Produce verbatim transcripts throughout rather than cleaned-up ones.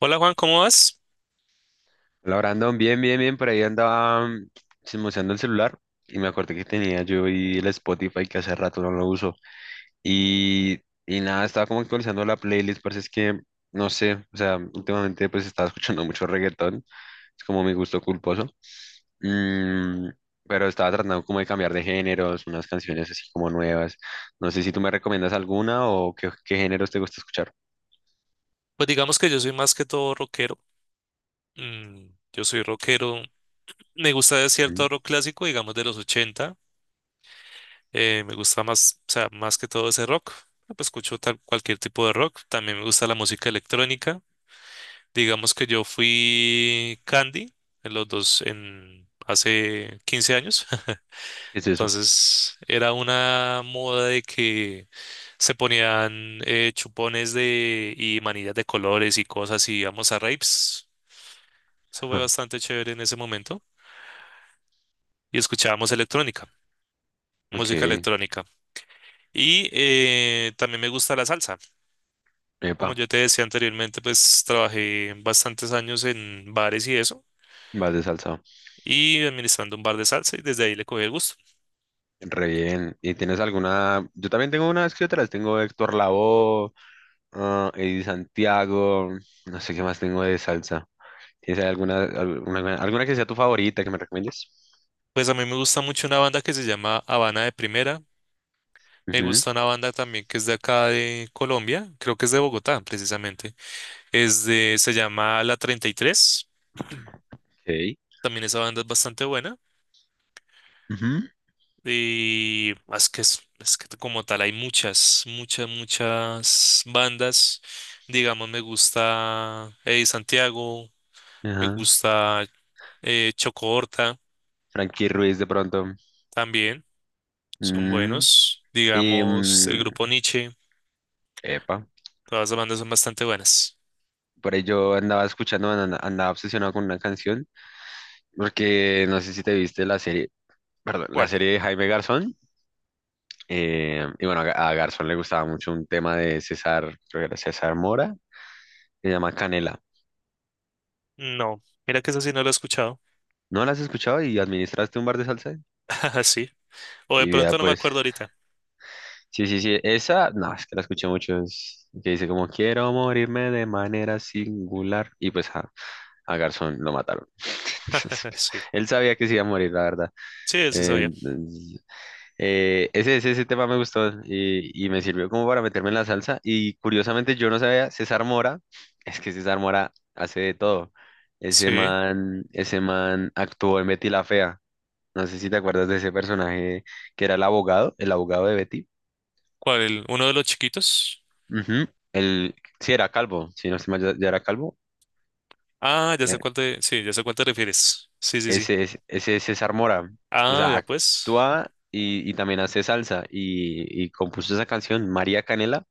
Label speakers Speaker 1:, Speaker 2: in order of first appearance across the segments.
Speaker 1: Hola Juan, ¿cómo vas?
Speaker 2: Hola, Brandon, bien, bien, bien, por ahí andaba mm, chismoseando el celular y me acordé que tenía yo y el Spotify que hace rato no lo uso y, y nada, estaba como actualizando la playlist, parece es que, no sé, o sea, últimamente pues estaba escuchando mucho reggaetón, es como mi gusto culposo, mm, pero estaba tratando como de cambiar de géneros, unas canciones así como nuevas, no sé si tú me recomiendas alguna o qué, qué géneros te gusta escuchar.
Speaker 1: Pues digamos que yo soy más que todo rockero. Mm, yo soy rockero. Me gusta de cierto
Speaker 2: Mm.
Speaker 1: rock clásico, digamos de los ochenta. Eh, me gusta más, o sea, más que todo ese rock. Ah, pues escucho tal- cualquier tipo de rock. También me gusta la música electrónica. Digamos que yo fui Candy en los dos, en hace quince años.
Speaker 2: ¿Qué es eso?
Speaker 1: Entonces era una moda de que se ponían eh, chupones de y manillas de colores y cosas y íbamos a raves. Eso fue
Speaker 2: Ajá.
Speaker 1: bastante chévere en ese momento. Y escuchábamos electrónica,
Speaker 2: Ok.
Speaker 1: música electrónica. Y eh, también me gusta la salsa. Como
Speaker 2: Epa,
Speaker 1: yo te decía anteriormente, pues trabajé bastantes años en bares y eso,
Speaker 2: vas de salsa.
Speaker 1: y administrando un bar de salsa, y desde ahí le cogí el gusto.
Speaker 2: Re bien. ¿Y tienes alguna? Yo también tengo unas que otras. Tengo Héctor Lavoe, ah, Eddie Santiago, no sé qué más tengo de salsa. ¿Tienes alguna, alguna, alguna que sea tu favorita que me recomiendes?
Speaker 1: Pues a mí me gusta mucho una banda que se llama Habana de Primera. Me
Speaker 2: Ujú.
Speaker 1: gusta una banda también que es de acá de Colombia, creo que es de Bogotá, precisamente. Es de, se llama La treinta y tres.
Speaker 2: Ok.
Speaker 1: También esa banda es bastante buena.
Speaker 2: Ujú.
Speaker 1: Y ah, es que es, es que como tal hay muchas, muchas, muchas bandas. Digamos, me gusta Eddie Santiago, me
Speaker 2: Ajá.
Speaker 1: gusta eh, Choco Horta
Speaker 2: Frankie Ruiz de pronto.
Speaker 1: también, son
Speaker 2: Mm.
Speaker 1: buenos.
Speaker 2: y,
Speaker 1: Digamos, el
Speaker 2: mm,
Speaker 1: grupo Nietzsche,
Speaker 2: Epa.
Speaker 1: todas las bandas son bastante buenas.
Speaker 2: Por ahí yo andaba escuchando, andaba, andaba obsesionado con una canción, porque no sé si te viste la serie, perdón, la
Speaker 1: ¿Cuál?
Speaker 2: serie de Jaime Garzón. Eh, y bueno, a a Garzón le gustaba mucho un tema de César, creo que era César Mora, se llama Canela.
Speaker 1: No, mira que esa sí no la he escuchado.
Speaker 2: ¿No la has escuchado y administraste un bar de salsa?
Speaker 1: Sí. O de
Speaker 2: Y vea,
Speaker 1: pronto no me
Speaker 2: pues,
Speaker 1: acuerdo ahorita.
Speaker 2: sí, sí, sí, esa, no, es que la escuché mucho, es que dice como quiero morirme de manera singular. Y pues a, a Garzón lo mataron. Entonces, pues,
Speaker 1: Sí,
Speaker 2: él sabía que se iba a morir, la verdad.
Speaker 1: sí, sí
Speaker 2: Eh,
Speaker 1: sabía.
Speaker 2: Eh, ese, ese, ese tema me gustó y, y me sirvió como para meterme en la salsa. Y curiosamente yo no sabía, César Mora, es que César Mora hace de todo. Ese
Speaker 1: Sí.
Speaker 2: man, ese man actuó en Betty la Fea. No sé si te acuerdas de ese personaje que era el abogado, el abogado de Betty.
Speaker 1: ¿Cuál? el- ¿Uno de los chiquitos?
Speaker 2: Ujú. El, sí, era calvo, si no se mal, ya, ya era calvo.
Speaker 1: Ah, ya sé
Speaker 2: Ya.
Speaker 1: cuál te, sí, ya sé cuál te refieres. Sí, sí, sí.
Speaker 2: Ese, es- ese es César Mora. O
Speaker 1: Ah,
Speaker 2: sea,
Speaker 1: ya pues.
Speaker 2: actúa y, y también hace salsa y, y compuso esa canción, María Canela.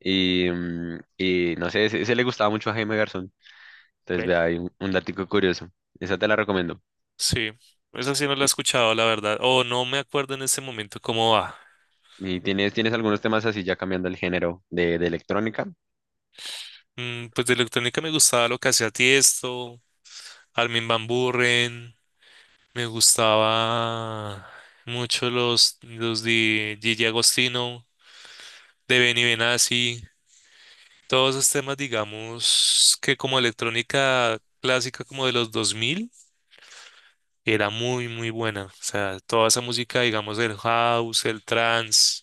Speaker 2: Y, mm, y no sé, ese, ese le gustaba mucho a Jaime Garzón. Entonces,
Speaker 1: Ve.
Speaker 2: vea, hay un, un datico curioso. Esa te la recomiendo.
Speaker 1: Sí. Esa sí no la he
Speaker 2: ¿Y,
Speaker 1: escuchado, la verdad. O no me acuerdo en este momento cómo va.
Speaker 2: y tienes, tienes algunos temas así ya cambiando el género de, de electrónica?
Speaker 1: Mm, pues de electrónica me gustaba lo que hacía Tiesto, Armin van Buuren. Me gustaba mucho los, los de Gigi Agostino, de Benny Benassi. Todos esos temas, digamos, que como electrónica clásica como de los dos mil era muy, muy buena. O sea, toda esa música, digamos, el house, el trance,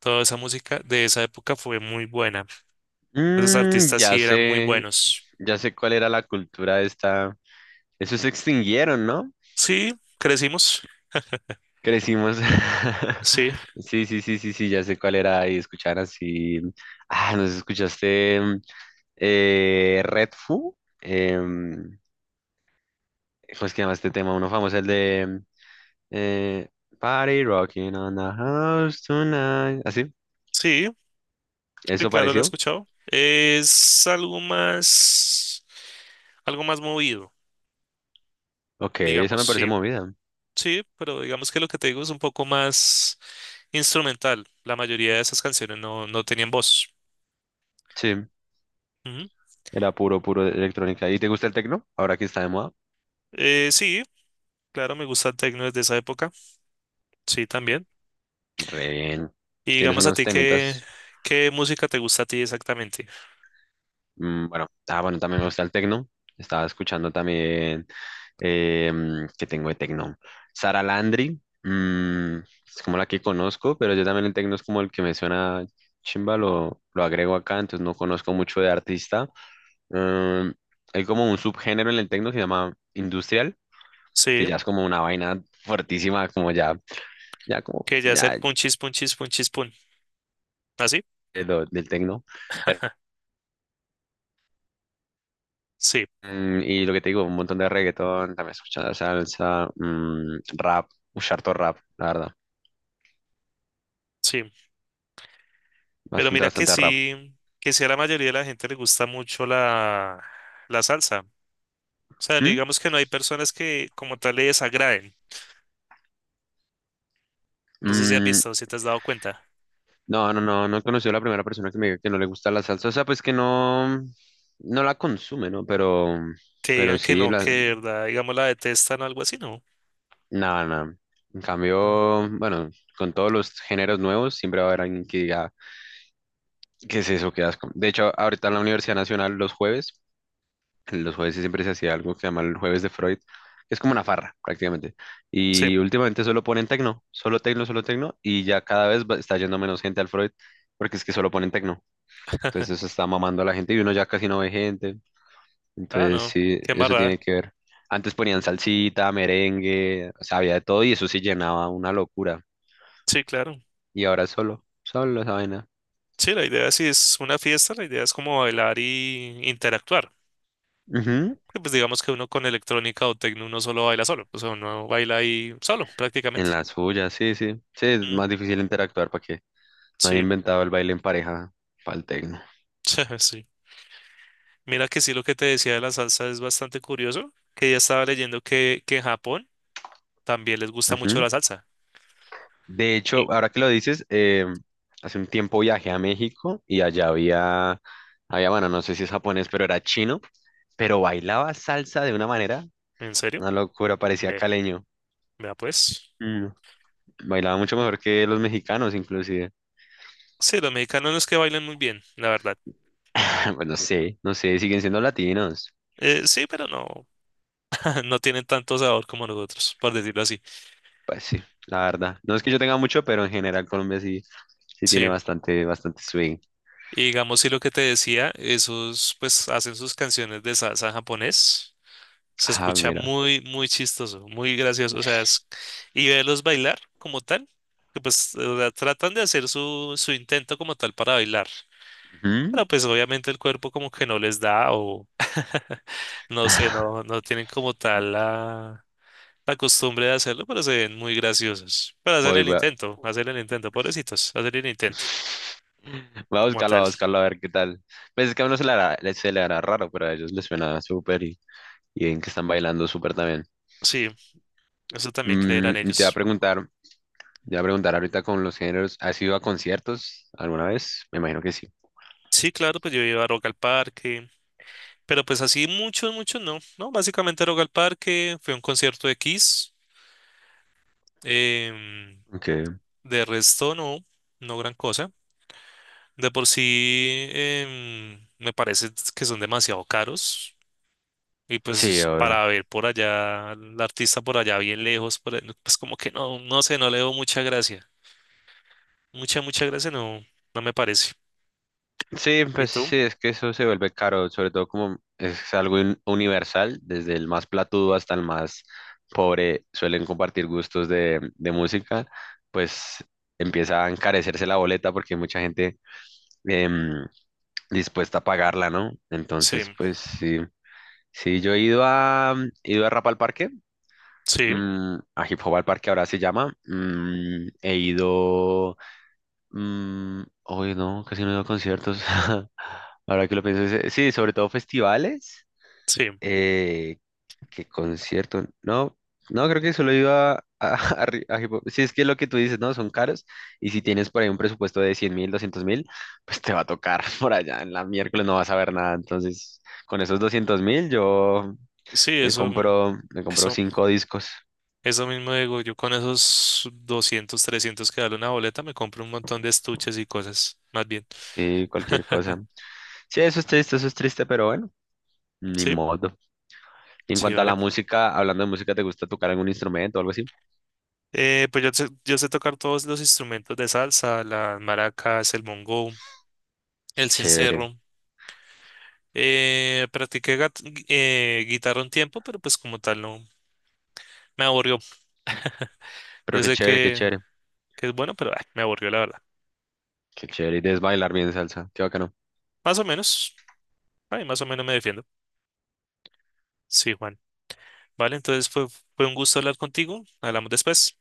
Speaker 1: toda esa música de esa época fue muy buena. Esos
Speaker 2: Mm,
Speaker 1: artistas
Speaker 2: ya
Speaker 1: sí eran muy
Speaker 2: sé,
Speaker 1: buenos.
Speaker 2: ya sé cuál era la cultura de esta. Esos se extinguieron, ¿no?
Speaker 1: Sí, crecimos.
Speaker 2: Crecimos.
Speaker 1: Sí,
Speaker 2: Sí, sí, sí, sí, sí, ya sé cuál era. Y escuchar así. Ah, ¿nos escuchaste mm, eh, Red Fu? Em, ¿cómo es que llama este tema? Uno famoso, el de Eh, Party rocking on the house tonight. ¿Así?
Speaker 1: sí, sí,
Speaker 2: ¿Eso
Speaker 1: claro, la he
Speaker 2: pareció?
Speaker 1: escuchado. Es algo más, algo más movido,
Speaker 2: Ok, esa
Speaker 1: digamos,
Speaker 2: me parece
Speaker 1: sí.
Speaker 2: movida.
Speaker 1: Sí, pero digamos que lo que te digo es un poco más instrumental. La mayoría de esas canciones no, no tenían voz.
Speaker 2: Sí,
Speaker 1: Ujú.
Speaker 2: era puro, puro de electrónica. ¿Y te gusta el tecno? Ahora que está de moda.
Speaker 1: Eh, sí, claro, me gusta el techno desde esa época. Sí, también.
Speaker 2: Re bien.
Speaker 1: Y
Speaker 2: Tienes
Speaker 1: digamos a
Speaker 2: unos
Speaker 1: ti, ¿qué,
Speaker 2: temitas.
Speaker 1: qué música te gusta a ti exactamente?
Speaker 2: Mm, bueno, ah, bueno, también me gusta el tecno. Estaba escuchando también. Eh, ¿Que tengo de tecno? Sara Landry. Mm, es como la que conozco, pero yo también el tecno es como el que me suena chimba. Lo, lo agrego acá, entonces no conozco mucho de artista. Em, Hay como un subgénero en el techno que se llama industrial, que
Speaker 1: Sí,
Speaker 2: ya es como una vaina fuertísima, como ya, ya como,
Speaker 1: que ya es el
Speaker 2: ya
Speaker 1: punchis, punchis, punchis, pun. ¿Así?
Speaker 2: de lo- del techno. Pero,
Speaker 1: Sí,
Speaker 2: mm, y lo que te digo, un montón de reggaetón, también escuchando salsa, mm, rap, un harto rap, la verdad.
Speaker 1: sí. Pero
Speaker 2: Bastante,
Speaker 1: mira que
Speaker 2: bastante rap.
Speaker 1: sí, que sí a la mayoría de la gente le gusta mucho la, la salsa. O sea,
Speaker 2: ¿Mm?
Speaker 1: digamos que no hay personas que como tal le desagraden. No sé si has
Speaker 2: Mm,
Speaker 1: visto, si te has dado cuenta.
Speaker 2: no, no, no, no he conocido a la primera persona que me diga que no le gusta la salsa. O sea, pues que no, no la consume, ¿no? Pero,
Speaker 1: Que digan
Speaker 2: pero
Speaker 1: que
Speaker 2: sí,
Speaker 1: no, que
Speaker 2: la,
Speaker 1: de verdad, digamos, la detestan o algo así, ¿no?
Speaker 2: nada, nada. En
Speaker 1: No.
Speaker 2: cambio, bueno, con todos los géneros nuevos siempre va a haber alguien que diga, ¿qué es eso? ¿Qué asco? De hecho, ahorita en la Universidad Nacional los jueves, los jueves sí siempre se hacía algo que se llama el jueves de Freud, que es como una farra prácticamente.
Speaker 1: Sí.
Speaker 2: Y últimamente solo ponen tecno, solo tecno, solo tecno, y ya cada vez va- está yendo menos gente al Freud, porque es que solo ponen tecno. Entonces eso está mamando a la gente y uno ya casi no ve gente.
Speaker 1: Ah,
Speaker 2: Entonces
Speaker 1: no.
Speaker 2: sí,
Speaker 1: Qué
Speaker 2: eso
Speaker 1: embarrada.
Speaker 2: tiene que ver. Antes ponían salsita, merengue, o sea, había de todo y eso sí llenaba una locura.
Speaker 1: Sí, claro.
Speaker 2: Y ahora solo, solo esa vaina.
Speaker 1: Sí, la idea si es una fiesta, la idea es como bailar y interactuar.
Speaker 2: Ujú.
Speaker 1: Que, pues digamos que uno con electrónica o tecno uno solo baila solo. O sea, uno baila ahí solo, prácticamente.
Speaker 2: En la suya, sí, sí. Sí, es
Speaker 1: Mm,
Speaker 2: más difícil interactuar para que no han
Speaker 1: sí,
Speaker 2: inventado el baile en pareja para el tecno.
Speaker 1: sí. Mira que sí, lo que te decía de la salsa es bastante curioso, que ya estaba leyendo que, que en Japón también les gusta mucho
Speaker 2: Ujú.
Speaker 1: la salsa.
Speaker 2: De hecho,
Speaker 1: ¿En
Speaker 2: ahora que lo dices, eh, hace un tiempo viajé a México y allá había, había, bueno, no sé si es japonés, pero era chino, pero bailaba salsa de una manera,
Speaker 1: en serio?
Speaker 2: una locura, parecía
Speaker 1: Ve,
Speaker 2: caleño.
Speaker 1: vea pues.
Speaker 2: Mm. Bailaba mucho mejor que los mexicanos, inclusive.
Speaker 1: Sí, los mexicanos no es que bailen muy bien, la verdad.
Speaker 2: Bueno, no sé, no sé, siguen siendo latinos.
Speaker 1: Eh, sí, pero no. No tienen tanto sabor como nosotros, por decirlo así.
Speaker 2: Pues sí, la verdad. No es que yo tenga mucho, pero en general Colombia sí, sí tiene
Speaker 1: Sí.
Speaker 2: bastante, bastante swing.
Speaker 1: Y digamos, sí, lo que te decía, esos pues hacen sus canciones de salsa japonés. Se
Speaker 2: Ah,
Speaker 1: escucha
Speaker 2: mira.
Speaker 1: muy, muy chistoso, muy gracioso. O sea, es- y verlos bailar como tal, que pues o sea, tratan de hacer su, su intento como tal para bailar.
Speaker 2: Ujú.
Speaker 1: Pero pues obviamente el cuerpo como que no les da o no sé, no, no tienen como tal la... la costumbre de hacerlo, pero se ven muy graciosos. Pero hacen
Speaker 2: Voy,
Speaker 1: el
Speaker 2: voy a...
Speaker 1: intento, hacen el intento, pobrecitos, hacen el intento
Speaker 2: voy a
Speaker 1: como
Speaker 2: buscarlo,
Speaker 1: tal.
Speaker 2: voy a buscarlo a ver qué tal. Pues es que a uno se le hará, le- se le hará raro, pero a ellos les suena súper y, y ven que están bailando súper también.
Speaker 1: Sí, eso también
Speaker 2: Mm,
Speaker 1: creerán
Speaker 2: y te voy a
Speaker 1: ellos.
Speaker 2: preguntar, te voy a preguntar ahorita con los géneros, ¿has ido a conciertos alguna vez? Me imagino que sí.
Speaker 1: Sí, claro, pues yo iba a Rock al Parque, pero pues así mucho, mucho no, ¿no? Básicamente Rock al Parque, fue un concierto de Kiss, em,
Speaker 2: Okay.
Speaker 1: de resto no, no gran cosa. De por sí, em, me parece que son demasiado caros. Y
Speaker 2: Sí,
Speaker 1: pues
Speaker 2: o.
Speaker 1: para ver por allá, al artista por allá bien lejos, por el- pues como que no, no sé, no le veo mucha gracia. Mucha, mucha gracia no, no me parece.
Speaker 2: Sí,
Speaker 1: ¿Y
Speaker 2: pues
Speaker 1: tú?
Speaker 2: sí, es que eso se vuelve caro, sobre todo como es algo un- universal, desde el más platudo hasta el más pobre suelen compartir gustos de, de música, pues empieza a encarecerse la boleta porque hay mucha gente em, dispuesta a pagarla, ¿no?
Speaker 1: Sí,
Speaker 2: Entonces, pues sí, sí, yo he ido a, mm, he ido a rap al parque,
Speaker 1: sí,
Speaker 2: mm, a hip hop al parque ahora se llama, mm, he ido, mm, hoy no, casi no he ido a conciertos. Ahora que lo pienso, es- eh, sí, sobre todo festivales,
Speaker 1: sí,
Speaker 2: eh, que conciertos, no, no, creo que solo iba a, a, a ri- a hip hop. Si es que lo que tú dices, ¿no? Son caros, y si tienes por ahí un presupuesto de cien mil, doscientos mil, pues te va a tocar por allá, en la miércoles no vas a ver nada, entonces con esos doscientos mil yo
Speaker 1: sí,
Speaker 2: me
Speaker 1: eso,
Speaker 2: compro, me compro
Speaker 1: eso,
Speaker 2: cinco discos,
Speaker 1: eso mismo digo, yo con esos doscientos trescientos que vale una boleta me compro un montón de estuches y cosas, más bien.
Speaker 2: sí, cualquier cosa. Sí, eso es triste, eso es triste, pero bueno, ni
Speaker 1: Sí,
Speaker 2: modo. Y en
Speaker 1: sí,
Speaker 2: cuanto a
Speaker 1: vale.
Speaker 2: la música, hablando de música, ¿te gusta tocar algún instrumento o algo así?
Speaker 1: Eh, pues yo sé, yo sé tocar todos los instrumentos de salsa, las maracas, el bongo, el
Speaker 2: Chévere.
Speaker 1: sincero. Eh, practiqué gat- gui- eh, guitarra un tiempo, pero pues como tal no me aburrió.
Speaker 2: Pero
Speaker 1: Yo
Speaker 2: qué
Speaker 1: sé
Speaker 2: chévere, qué
Speaker 1: que,
Speaker 2: chévere.
Speaker 1: que es bueno, pero ay, me aburrió la verdad.
Speaker 2: Qué chévere. Y debes bailar bien salsa. Qué bacano.
Speaker 1: Más o menos, ay, más o menos me defiendo. Sí, Juan. Vale, entonces fue, fue un gusto hablar contigo. Hablamos después.